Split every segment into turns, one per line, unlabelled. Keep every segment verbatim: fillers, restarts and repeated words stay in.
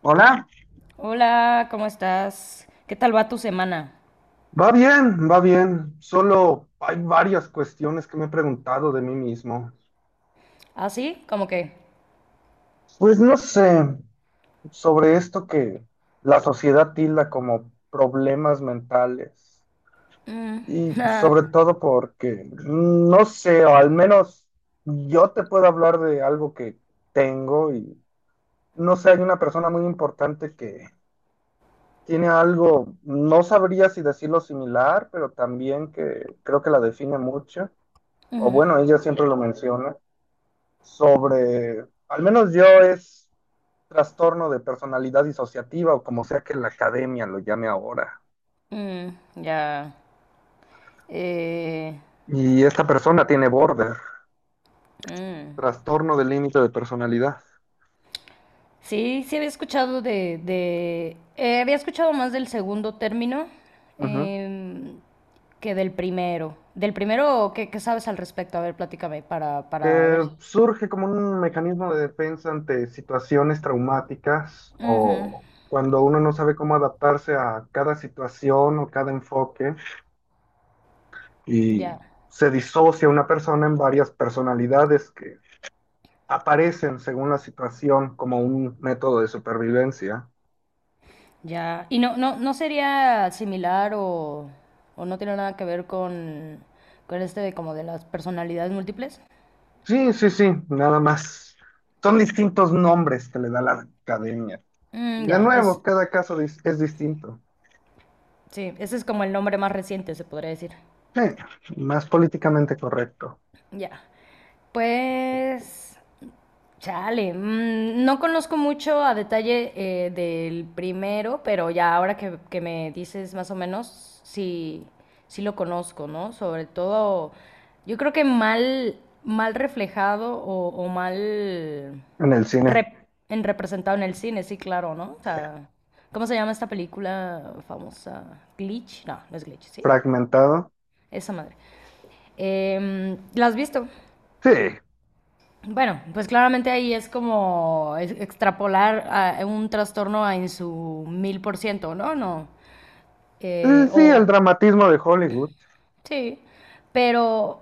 Hola,
Hola, ¿cómo estás? ¿Qué tal va tu semana?
va bien, va bien. Solo hay varias cuestiones que me he preguntado de mí mismo.
¿Así? ¿Cómo que?
Pues no sé, sobre esto que la sociedad tilda como problemas mentales.
Mm,
Y
ah,
sobre todo porque, no sé, o al menos yo te puedo hablar de algo que tengo y no sé, hay una persona muy importante que tiene algo, no sabría si decirlo similar, pero también que creo que la define mucho. O
ujú,
bueno, ella siempre lo menciona, sobre, al menos yo es trastorno de personalidad disociativa o como sea que la academia lo llame ahora.
mm, ya. Eh,
Y esta persona tiene border,
mm.
trastorno de límite de personalidad.
Sí, sí había escuchado de, de- eh, había escuchado más del segundo término
Ujú.
em, que del primero. Del primero, ¿qué, qué sabes al respecto? A ver, platícame para, para ver.
Que surge como un mecanismo de defensa ante situaciones traumáticas
Ujú,
o cuando uno no sabe cómo adaptarse a cada situación o cada enfoque y
ya.
se disocia una persona en varias personalidades que aparecen según la situación como un método de supervivencia.
Ya, y no, no, no sería similar o, o no tiene nada que ver con, con este de como de las personalidades múltiples.
Sí, sí, sí, nada más. Son distintos nombres que le da la academia. Y
Mm,
de
ya, es,
nuevo, cada caso dis- es distinto.
sí, ese es como el nombre más reciente, se podría decir.
Sí, más políticamente correcto.
Ya, pues chale, mm, no conozco mucho a detalle eh, del primero, pero ya ahora que, que me dices más o menos, sí, sí lo conozco, ¿no? Sobre todo, yo creo que mal, mal reflejado o, o mal
En el cine
rep- en representado en el cine, sí, claro, ¿no? O sea, ¿cómo se llama esta película famosa? ¿Glitch? No, no es Glitch, ¿sí?
fragmentado.
Esa madre. Em, ¿la has visto?
Sí, eh,
Bueno, pues claramente ahí es como es- extrapolar a un trastorno a en su mil por ciento, ¿no? No. Eh,
sí, el
o
dramatismo de Hollywood.
sí, pero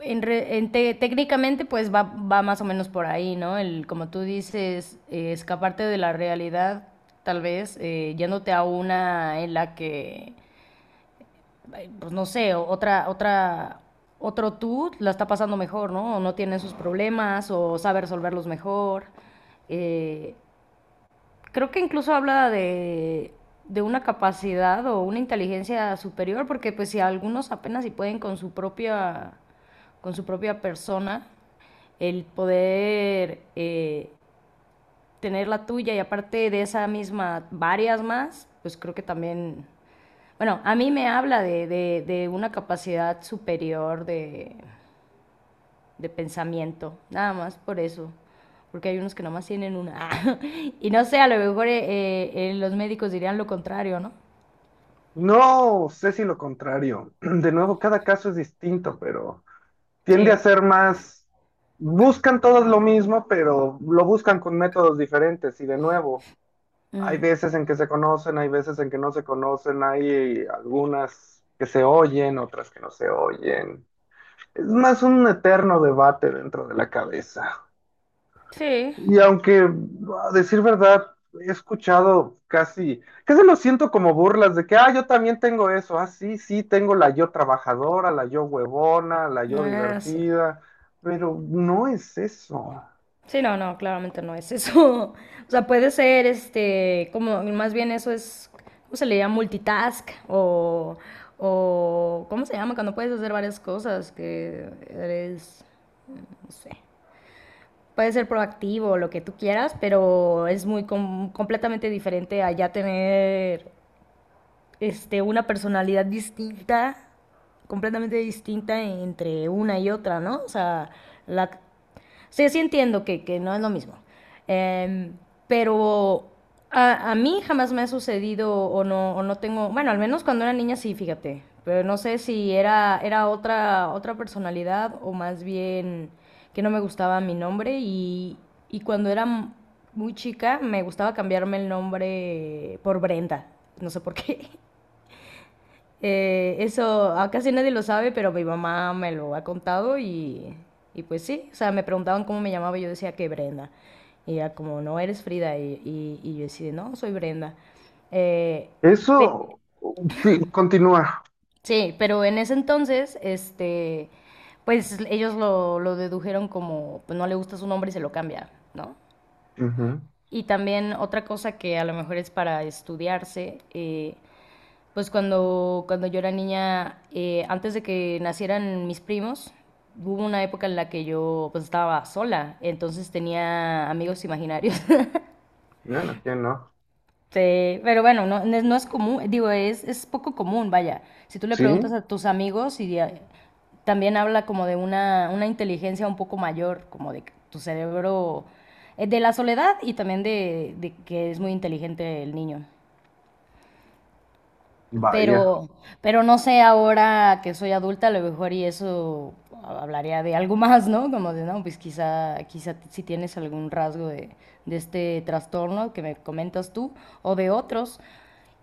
en re- en te- técnicamente pues va, va más o menos por ahí, ¿no? El, como tú dices, eh, escaparte de la realidad, tal vez, eh, yéndote a una en la que pues no sé, otra, otra, otro tú la está pasando mejor, ¿no? O no tiene sus problemas, o sabe resolverlos mejor. Eh, Creo que incluso habla de, de una capacidad o una inteligencia superior, porque pues si algunos apenas si pueden con su propia, con su propia persona, el poder eh, tener la tuya y aparte de esa misma, varias más, pues creo que también bueno, a mí me habla de, de- de una capacidad superior de, de pensamiento, nada más por eso. Porque hay unos que nomás tienen una. Y no sé, a lo mejor eh, eh, eh, los médicos dirían lo contrario, ¿no?
No sé si lo contrario. De nuevo, cada caso es distinto, pero tiende a
Sí.
ser más, buscan todos lo mismo, pero lo buscan con métodos diferentes y de nuevo, hay
Mm.
veces en que se conocen, hay veces en que no se conocen, hay algunas que se oyen, otras que no se oyen. Es más un eterno debate dentro de la cabeza.
Sí.
Y aunque, a decir verdad, he escuchado casi, casi lo siento como burlas de que, ah, yo también tengo eso, ah, sí, sí, tengo la yo trabajadora, la yo huevona, la yo
Ah, sí.
divertida, pero no es eso.
Sí, no, no, claramente no es eso. O sea, puede ser, este, como, más bien eso es, ¿cómo se le llama? Multitask o, o, ¿cómo se llama? Cuando puedes hacer varias cosas que eres, no sé. Puede ser proactivo, lo que tú quieras, pero es muy com- completamente diferente a ya tener este, una personalidad distinta, completamente distinta entre una y otra, ¿no? O sea, la, o sea, sí entiendo que, que no es lo mismo. Em, pero a, a mí jamás me ha sucedido o no, o no, tengo, bueno, al menos cuando era niña sí, fíjate, pero no sé si era, era otra, otra personalidad o más bien que no me gustaba mi nombre y, y cuando era m- muy chica me gustaba cambiarme el nombre por Brenda, no sé por qué. Eh, eso ah, casi nadie lo sabe, pero mi mamá me lo ha contado y, y pues sí, o sea, me preguntaban cómo me llamaba y yo decía que Brenda. Y ella como, no, eres Frida. Y, y- y yo decía, no, soy Brenda. Eh, pe-
Eso, sí, continúa.
sí, pero en ese entonces, este, pues ellos lo, lo dedujeron como, pues no le gusta su nombre y se lo cambia, ¿no?
Ujú.
Y también otra cosa que a lo mejor es para estudiarse, eh, pues cuando, cuando yo era niña, eh, antes de que nacieran mis primos, hubo una época en la que yo pues estaba sola, entonces tenía amigos imaginarios.
Bueno, ¿quién no?
Sí, pero bueno, no, no es no es común, digo, es, es poco común, vaya. Si tú le
Sí,
preguntas a tus amigos y a- también habla como de una, una inteligencia un poco mayor, como de que tu cerebro, eh, de la soledad y también de, de que es muy inteligente el niño.
vaya.
Pero, pero no sé, ahora que soy adulta, a lo mejor y eso hablaría de algo más, ¿no? Como de, no, pues quizá, quizá si tienes algún rasgo de, de este trastorno que me comentas tú o de otros.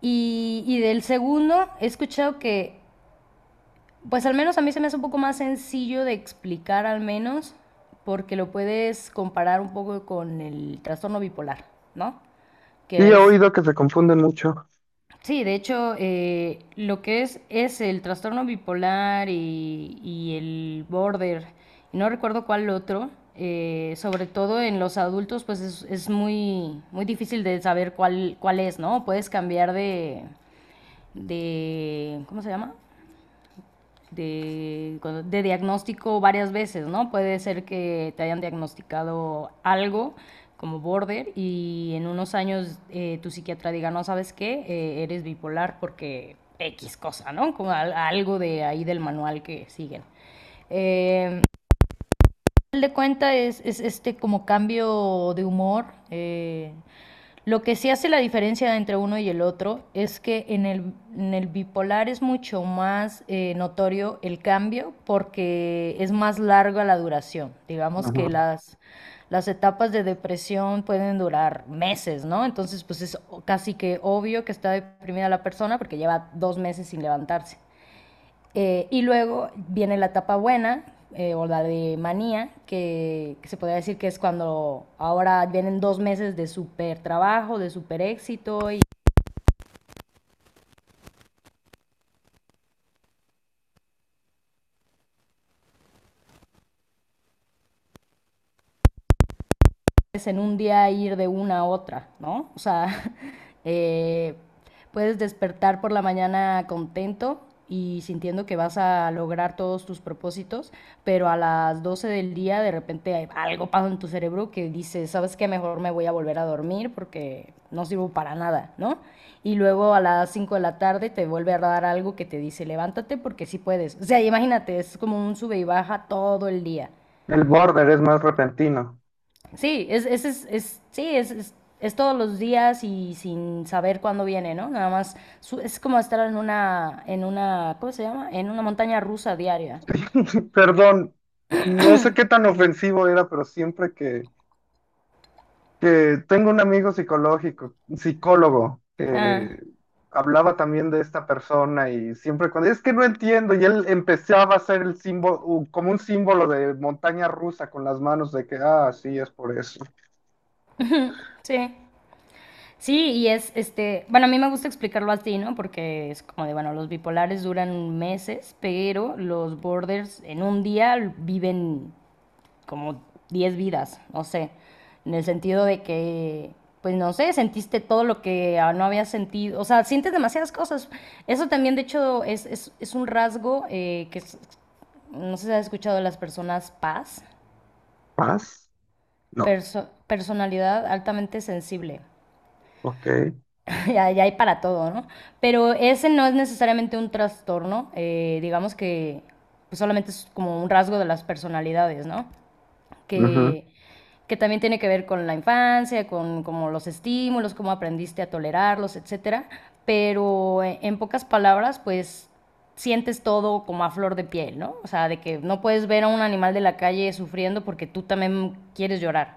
Y, y del segundo, he escuchado que, pues al menos a mí se me hace un poco más sencillo de explicar al menos, porque lo puedes comparar un poco con el trastorno bipolar, ¿no?
Sí,
Que
he
es.
oído que se confunden mucho.
Sí, de hecho, eh, lo que es es el trastorno bipolar y, y el border, y no recuerdo cuál otro, eh, sobre todo en los adultos, pues es, es muy, muy difícil de saber cuál, cuál es, ¿no? Puedes cambiar de, de, ¿cómo se llama? de, de diagnóstico varias veces, ¿no? Puede ser que te hayan diagnosticado algo como border y en unos años eh, tu psiquiatra diga, no, ¿sabes qué? Eh, eres bipolar porque equis cosa, ¿no? Como algo de ahí del manual que siguen. Eh, Final de cuentas es, es este como cambio de humor. eh, lo que sí hace la diferencia entre uno y el otro es que en el, en el bipolar es mucho más eh, notorio el cambio porque es más larga la duración. Digamos que
Ujú.
las, las etapas de depresión pueden durar meses, ¿no? Entonces, pues es o- casi que obvio que está deprimida la persona porque lleva dos meses sin levantarse. Eh, y luego viene la etapa buena, eh, o la de manía, que, que, se podría decir que es cuando ahora vienen dos meses de súper trabajo, de súper éxito y puedes en un día ir de una a otra, ¿no? O sea, eh, puedes despertar por la mañana contento y sintiendo que vas a lograr todos tus propósitos, pero a las doce del día de repente hay- algo pasa en tu cerebro que dice, ¿sabes qué? Mejor me voy a volver a dormir porque no sirvo para nada, ¿no? Y luego a las cinco de la tarde te vuelve a dar algo que te dice, levántate porque sí puedes. O sea, imagínate, es como un sube y baja todo el día.
El border es más repentino.
Sí, es, es, es, es- sí, es, es- es todos los días y sin saber cuándo viene, ¿no? Nada más su- es como estar en una, en una, ¿cómo se llama? En una montaña rusa diaria.
Perdón, no sé qué tan ofensivo era, pero siempre que que tengo un amigo psicológico, psicólogo,
Ah,
que hablaba también de esta persona y siempre cuando, es que no entiendo, y él empezaba a hacer el símbolo, u- como un símbolo de montaña rusa con las manos de que, ah, sí, es por eso.
sí. Sí, y es, este, bueno, a mí me gusta explicarlo así, ¿no? Porque es como de, bueno, los bipolares duran meses, pero los borders en un día viven como diez vidas, no sé, en el sentido de que, pues no sé, sentiste todo lo que ah, no habías sentido, o sea, sientes demasiadas cosas. Eso también, de hecho, es, es, es un rasgo eh, que es- no sé si has escuchado de las personas paz,
¿Paz? No.
perso- personalidad altamente sensible.
Ok.
Ya, ya hay para todo, ¿no? Pero ese no es necesariamente un trastorno, eh, digamos que pues, solamente es como un rasgo de las personalidades, ¿no?
Ujú.
que, que también tiene que ver con la infancia, con como los estímulos, cómo aprendiste a tolerarlos, etcétera. Pero eh, en pocas palabras, pues sientes todo como a flor de piel, ¿no? O sea, de que no puedes ver a un animal de la calle sufriendo porque tú también quieres llorar.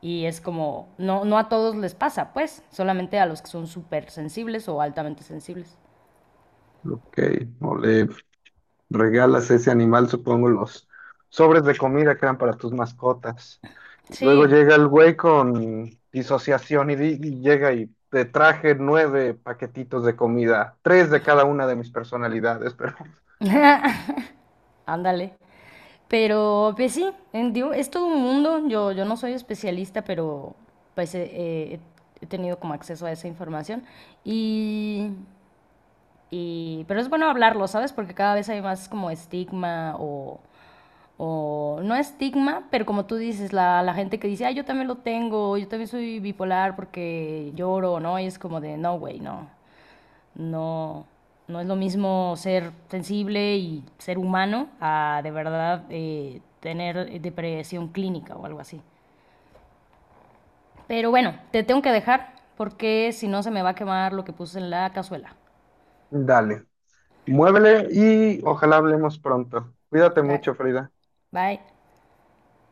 Y es como, no, no a todos les pasa, pues, solamente a los que son súper sensibles o altamente sensibles.
Ok. Ole. Regalas a ese animal, supongo, los sobres de comida que eran para tus mascotas. Luego
Sí.
llega el güey con disociación y, di- y llega y te traje nueve paquetitos de comida, tres de cada una de mis personalidades, pero
Ándale. Pero pues sí, en- digo, es todo un mundo. Yo, yo no soy especialista, pero pues eh, eh, he tenido como acceso a esa información. Y, y- pero es bueno hablarlo, ¿sabes? Porque cada vez hay más como estigma o, o no estigma, pero como tú dices, la, la gente que dice, ah, yo también lo tengo, yo también soy bipolar porque lloro, ¿no? Y es como de, no, güey, no. No, no es lo mismo ser sensible y ser humano a de verdad eh, tener depresión clínica o algo así. Pero bueno, te tengo que dejar porque si no se me va a quemar lo que puse en la cazuela.
dale, muévele y ojalá hablemos pronto. Cuídate mucho,
Dale,
Frida.
bye.